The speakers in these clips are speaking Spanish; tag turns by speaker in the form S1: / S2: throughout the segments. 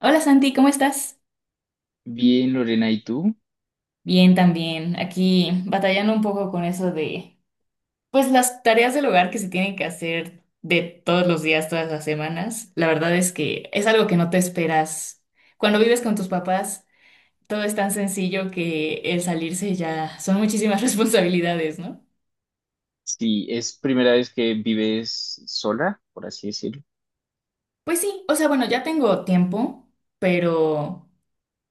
S1: Hola Santi, ¿cómo estás?
S2: Bien, Lorena, ¿y tú?
S1: Bien, también. Aquí batallando un poco con eso de, pues las tareas del hogar que se tienen que hacer de todos los días, todas las semanas. La verdad es que es algo que no te esperas. Cuando vives con tus papás, todo es tan sencillo que el salirse ya son muchísimas responsabilidades, ¿no?
S2: Sí, es primera vez que vives sola, por así decirlo.
S1: Pues sí, o sea, bueno, ya tengo tiempo, pero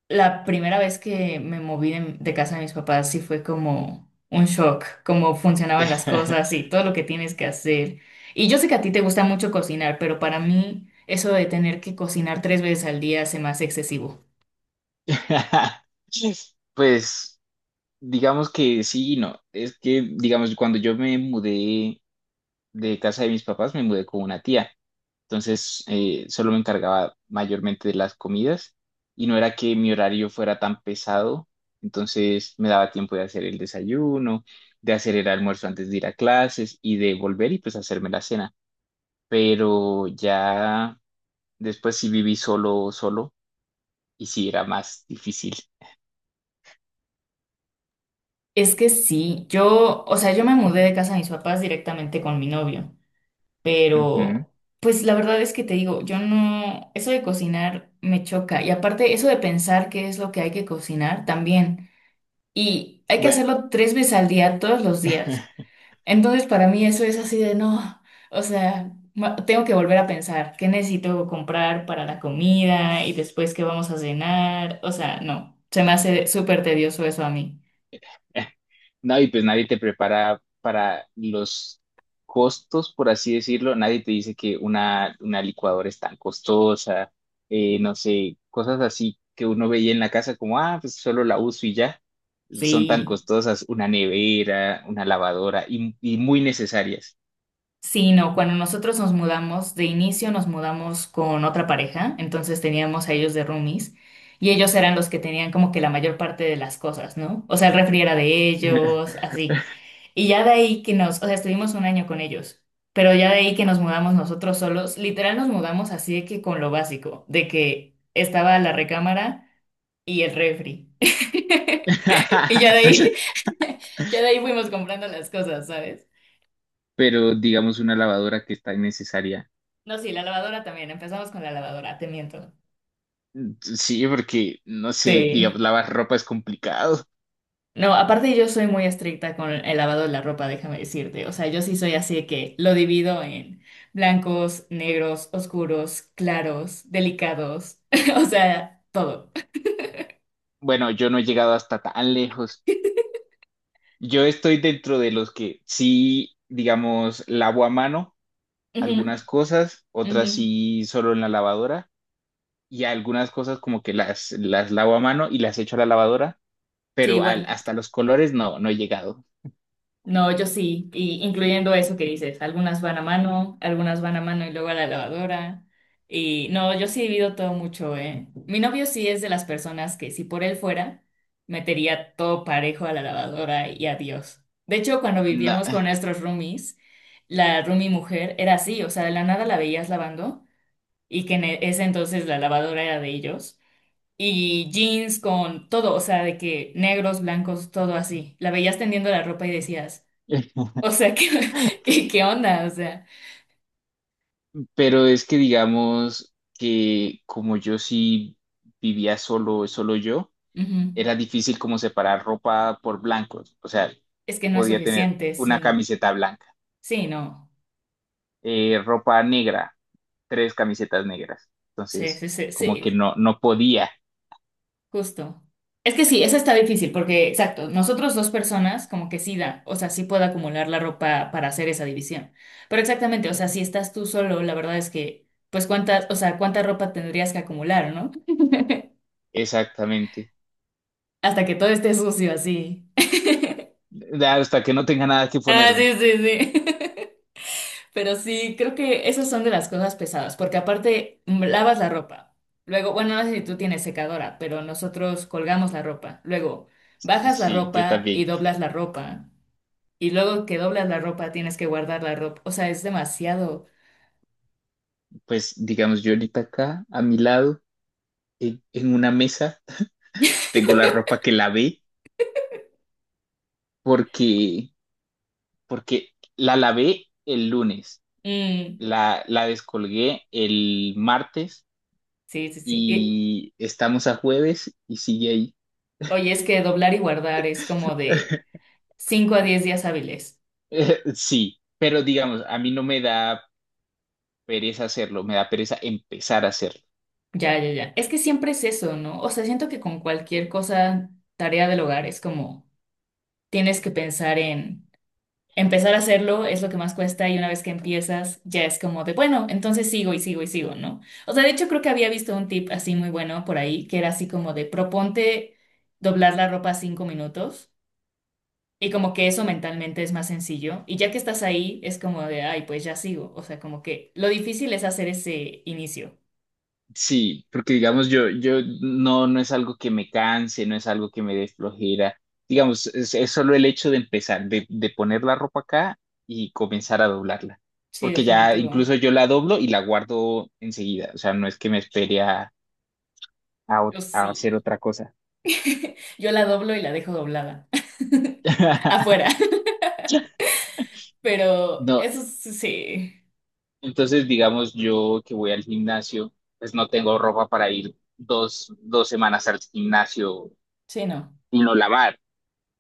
S1: la primera vez que me moví de casa de mis papás sí fue como un shock, cómo funcionaban las cosas y todo lo que tienes que hacer. Y yo sé que a ti te gusta mucho cocinar, pero para mí eso de tener que cocinar 3 veces al día se me hace excesivo.
S2: Pues digamos que sí y no. Es que, digamos, cuando yo me mudé de casa de mis papás, me mudé con una tía. Entonces, solo me encargaba mayormente de las comidas y no era que mi horario fuera tan pesado. Entonces, me daba tiempo de hacer el desayuno, de hacer el almuerzo antes de ir a clases y de volver y pues hacerme la cena. Pero ya después sí viví solo, solo, y sí era más difícil.
S1: Es que sí, yo, o sea, yo me mudé de casa de mis papás directamente con mi novio,
S2: Ujú.
S1: pero pues la verdad es que te digo, yo no, eso de cocinar me choca y aparte eso de pensar qué es lo que hay que cocinar también. Y hay que
S2: Bueno,
S1: hacerlo 3 veces al día, todos los días. Entonces, para mí eso es así de no, o sea, tengo que volver a pensar qué necesito comprar para la comida y después qué vamos a cenar. O sea, no, se me hace súper tedioso eso a mí.
S2: no, y pues nadie te prepara para los costos, por así decirlo, nadie te dice que una licuadora es tan costosa, no sé, cosas así que uno veía en la casa como, ah, pues solo la uso y ya. Y son tan
S1: Sí,
S2: costosas, una nevera, una lavadora y muy necesarias.
S1: sí, no, cuando nosotros nos mudamos, de inicio nos mudamos con otra pareja, entonces teníamos a ellos de roomies. Y ellos eran los que tenían como que la mayor parte de las cosas, ¿no? O sea, el refri era de ellos, así. Y ya de ahí que nos, o sea, estuvimos un año con ellos, pero ya de ahí que nos mudamos nosotros solos, literal nos mudamos así de que con lo básico, de que estaba la recámara y el refri. Y ya de ahí, ya de ahí fuimos comprando las cosas, ¿sabes?
S2: Pero digamos una lavadora que es tan necesaria.
S1: No, sí, la lavadora también, empezamos con la lavadora, te miento.
S2: Sí, porque, no sé, digamos,
S1: Sí.
S2: lavar ropa es complicado.
S1: No, aparte yo soy muy estricta con el lavado de la ropa, déjame decirte. O sea, yo sí soy así de que lo divido en blancos, negros, oscuros, claros, delicados, o sea, todo.
S2: Bueno, yo no he llegado hasta tan lejos. Yo estoy dentro de los que sí, digamos, lavo a mano
S1: Ujú,
S2: algunas cosas, otras
S1: ujú.
S2: sí solo en la lavadora y algunas cosas como que las lavo a mano y las echo a la lavadora,
S1: Sí,
S2: pero
S1: igual.
S2: hasta los colores no, no he llegado.
S1: No, yo sí, y incluyendo eso que dices, algunas van a mano, algunas van a mano y luego a la lavadora. Y no, yo sí divido todo mucho, ¿eh? Mi novio sí es de las personas que si por él fuera, metería todo parejo a la lavadora y adiós. De hecho, cuando
S2: No.
S1: vivíamos con nuestros roomies, la roomie mujer era así, o sea, de la nada la veías lavando y que en ese entonces la lavadora era de ellos. Y jeans con todo, o sea, de que negros, blancos, todo así. La veías tendiendo la ropa y decías... O sea, ¿qué onda? O sea,
S2: Pero es que digamos que como yo sí vivía solo, solo yo,
S1: ujú.
S2: era difícil como separar ropa por blancos. O sea,
S1: Es que no es
S2: podía tener
S1: suficiente,
S2: una
S1: sí.
S2: camiseta blanca,
S1: Sí, no.
S2: ropa negra, tres camisetas negras.
S1: Sí,
S2: Entonces,
S1: sí, sí,
S2: como que
S1: sí,
S2: no, no podía
S1: justo. Es que sí, esa está difícil porque, exacto, nosotros dos personas como que sí da, o sea, sí puedo acumular la ropa para hacer esa división. Pero exactamente, o sea, si estás tú solo, la verdad es que, pues cuántas, o sea, cuánta ropa tendrías que acumular, ¿no?
S2: exactamente.
S1: Hasta que todo esté sucio así.
S2: Hasta que no tenga nada que
S1: Ah,
S2: ponerme.
S1: sí, sí, sí. Pero sí, creo que esas son de las cosas pesadas, porque aparte lavas la ropa. Luego, bueno, no sé si tú tienes secadora, pero nosotros colgamos la ropa. Luego, bajas la
S2: Sí, yo
S1: ropa y
S2: también.
S1: doblas la ropa. Y luego que doblas la ropa, tienes que guardar la ropa. O sea, es demasiado.
S2: Pues digamos, yo ahorita acá, a mi lado, en una mesa, tengo la ropa que lavé porque porque la lavé el lunes,
S1: Mm,
S2: la descolgué el martes
S1: sí, sí, sí. Y,
S2: y estamos a jueves y sigue ahí.
S1: oye, es que doblar y guardar es como de 5 a 10 días hábiles.
S2: Sí, pero digamos, a mí no me da pereza hacerlo, me da pereza empezar a hacerlo.
S1: Ya, ya, ya. Es que siempre es eso, ¿no? O sea, siento que con cualquier cosa, tarea del hogar, es como tienes que pensar en. Empezar a hacerlo es lo que más cuesta y una vez que empiezas ya es como de, bueno, entonces sigo y sigo y sigo, ¿no? O sea, de hecho creo que había visto un tip así muy bueno por ahí, que era así como de, proponte doblar la ropa 5 minutos y como que eso mentalmente es más sencillo y ya que estás ahí es como de, ay, pues ya sigo, o sea, como que lo difícil es hacer ese inicio.
S2: Sí, porque digamos yo no, no es algo que me canse, no es algo que me dé flojera. Digamos, es solo el hecho de empezar, de poner la ropa acá y comenzar a doblarla.
S1: Sí,
S2: Porque ya
S1: definitivo.
S2: incluso yo la doblo y la guardo enseguida. O sea, no es que me espere a,
S1: Yo
S2: a hacer
S1: sí.
S2: otra cosa.
S1: Yo la doblo y la dejo doblada. Afuera. Pero
S2: No,
S1: eso sí.
S2: entonces digamos yo que voy al gimnasio, pues no tengo ropa para ir dos semanas al gimnasio
S1: Sí, no.
S2: y no lavar.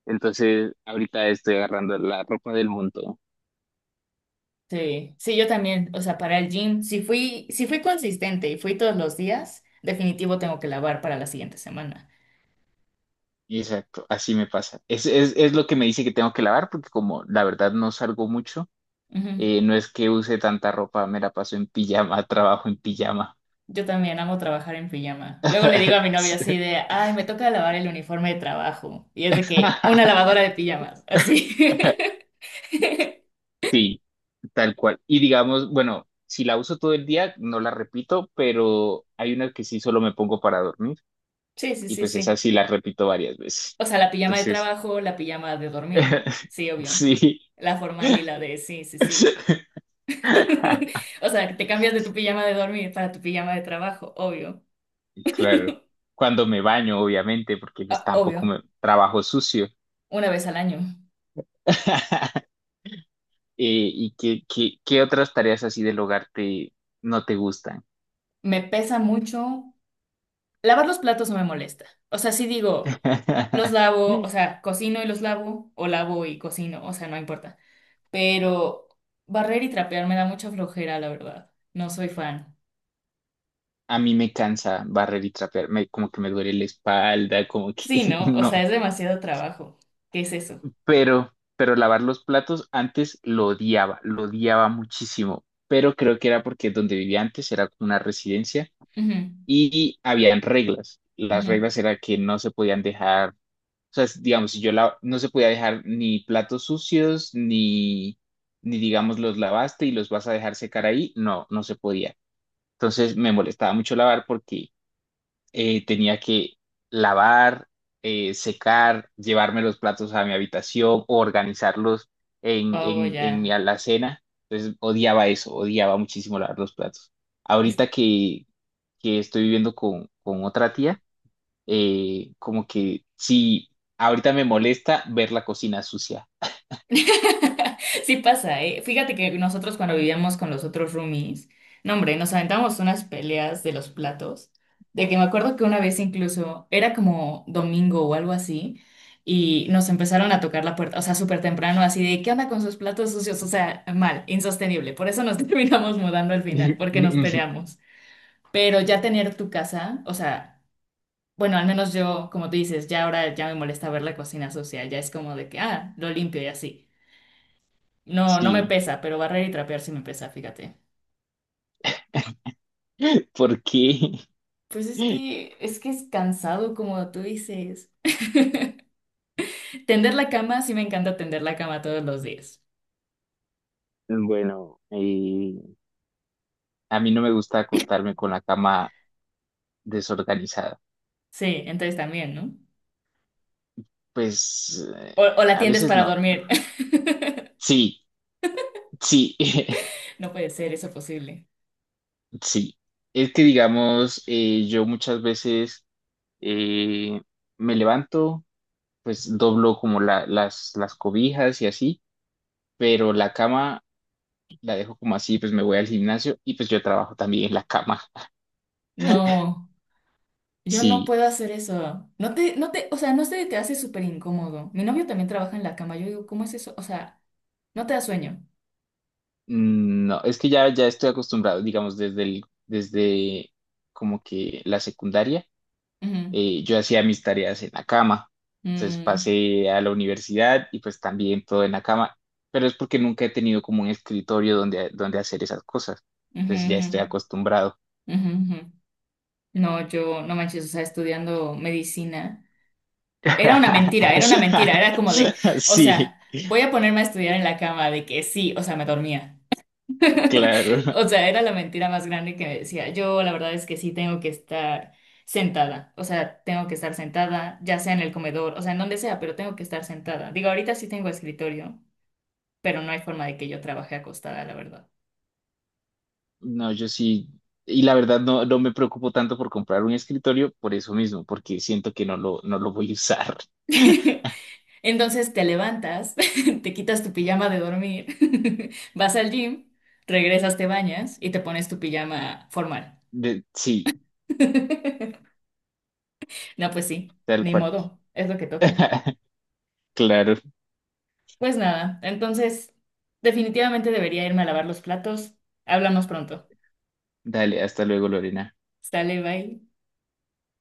S2: Entonces ahorita estoy agarrando la ropa del mundo.
S1: Sí, sí, yo también, o sea, para el gym, si fui consistente y fui todos los días, definitivo tengo que lavar para la siguiente semana.
S2: Exacto, así me pasa. Es lo que me dice que tengo que lavar, porque como la verdad no salgo mucho,
S1: Ujú.
S2: no es que use tanta ropa, me la paso en pijama, trabajo en pijama.
S1: Yo también amo trabajar en pijama. Luego le digo a mi novio así
S2: Sí,
S1: de, ay, me toca lavar el uniforme de trabajo. Y es de que, una lavadora de pijamas, así.
S2: sí, tal cual. Y digamos, bueno, si la uso todo el día, no la repito, pero hay una que sí solo me pongo para dormir,
S1: Sí, sí,
S2: y
S1: sí,
S2: pues esa
S1: sí.
S2: sí la repito varias veces.
S1: O sea, la pijama de
S2: Entonces,
S1: trabajo, la pijama de dormir, sí, obvio.
S2: sí.
S1: La formal y la de, sí, sí, sí. O sea, te cambias de tu pijama de dormir para tu pijama de trabajo, obvio.
S2: Claro. Cuando me baño, obviamente, porque pues
S1: Ah,
S2: tampoco
S1: obvio.
S2: me trabajo sucio.
S1: Una vez al año.
S2: ¿Y qué otras tareas así del hogar te, no te gustan?
S1: Me pesa mucho. Lavar los platos no me molesta. O sea, sí digo, los lavo, o sea, cocino y los lavo, o lavo y cocino, o sea, no importa. Pero barrer y trapear me da mucha flojera, la verdad. No soy fan.
S2: A mí me cansa barrer y trapear, me, como que me duele la espalda, como que
S1: Sí, ¿no? O sea, es
S2: no.
S1: demasiado trabajo. ¿Qué es eso?
S2: Pero lavar los platos antes lo odiaba muchísimo. Pero creo que era porque donde vivía antes era como una residencia
S1: Ujú,
S2: y habían reglas. Las
S1: ujú.
S2: reglas era que no se podían dejar. O sea, digamos, si yo la, no se podía dejar ni platos sucios, ni, ni digamos los lavaste y los vas a dejar secar ahí, no, no se podía. Entonces me molestaba mucho lavar porque tenía que lavar, secar, llevarme los platos a mi habitación, o organizarlos en,
S1: Oh,
S2: en mi
S1: ya.
S2: alacena. Entonces odiaba eso, odiaba muchísimo lavar los platos.
S1: Es
S2: Ahorita que estoy viviendo con otra tía, como que sí, ahorita me molesta ver la cocina sucia.
S1: sí pasa, ¿eh? Fíjate que nosotros cuando vivíamos con los otros roomies, no hombre, nos aventamos unas peleas de los platos, de que me acuerdo que una vez incluso era como domingo o algo así, y nos empezaron a tocar la puerta, o sea, súper temprano, así de, ¿qué onda con sus platos sucios? O sea, mal, insostenible. Por eso nos terminamos mudando al final, porque nos peleamos. Pero ya tener tu casa, o sea, bueno, al menos yo, como tú dices, ya ahora ya me molesta ver la cocina sucia, ya es como de que, ah, lo limpio y así. No, no me
S2: Sí,
S1: pesa, pero barrer y trapear sí me pesa, fíjate.
S2: porque,
S1: Pues es que, es que es cansado, como tú dices. Tender la cama, sí me encanta tender la cama todos los días.
S2: bueno, a mí no me gusta acostarme con la cama desorganizada.
S1: Sí, entonces también, ¿no?
S2: Pues
S1: O la
S2: a
S1: tiendes
S2: veces
S1: para
S2: no.
S1: dormir.
S2: Sí, sí,
S1: No puede ser eso posible.
S2: sí. Es que digamos, yo muchas veces eh, me levanto, pues doblo como las cobijas y así, pero la cama la dejo como así, pues me voy al gimnasio y pues yo trabajo también en la cama.
S1: No, yo no
S2: Sí,
S1: puedo hacer eso. No te, o sea, no se te hace súper incómodo. Mi novio también trabaja en la cama. Yo digo, ¿cómo es eso? O sea, no te da sueño.
S2: mm, no, es que ya, ya estoy acostumbrado, digamos, desde el, desde como que la secundaria,
S1: Ujú,
S2: yo hacía mis tareas en la cama. Entonces
S1: mm,
S2: pasé a la universidad y pues también todo en la cama, pero es porque nunca he tenido como un escritorio donde, donde hacer esas cosas.
S1: ujú,
S2: Entonces ya
S1: ujú,
S2: estoy acostumbrado.
S1: ujú, ujú. No, yo, no manches, o sea, estudiando medicina. Era una mentira, era una mentira, era como de, o
S2: Sí,
S1: sea, voy a ponerme a estudiar en la cama, de que sí, o sea, me dormía.
S2: claro.
S1: O sea, era la mentira más grande que me decía. Yo, la verdad es que sí tengo que estar sentada, o sea, tengo que estar sentada, ya sea en el comedor, o sea, en donde sea, pero tengo que estar sentada. Digo, ahorita sí tengo escritorio, pero no hay forma de que yo trabaje acostada, la verdad.
S2: No, yo sí, y la verdad no, no me preocupo tanto por comprar un escritorio por eso mismo, porque siento que no lo, no lo voy a usar.
S1: Entonces te levantas, te quitas tu pijama de dormir, vas al gym, regresas, te bañas y te pones tu pijama formal.
S2: Sí,
S1: No, pues sí,
S2: tal
S1: ni
S2: cual.
S1: modo, es lo que toca.
S2: Claro,
S1: Pues nada, entonces definitivamente debería irme a lavar los platos. Hablamos pronto.
S2: dale, hasta luego, Lorena.
S1: Sale, bye.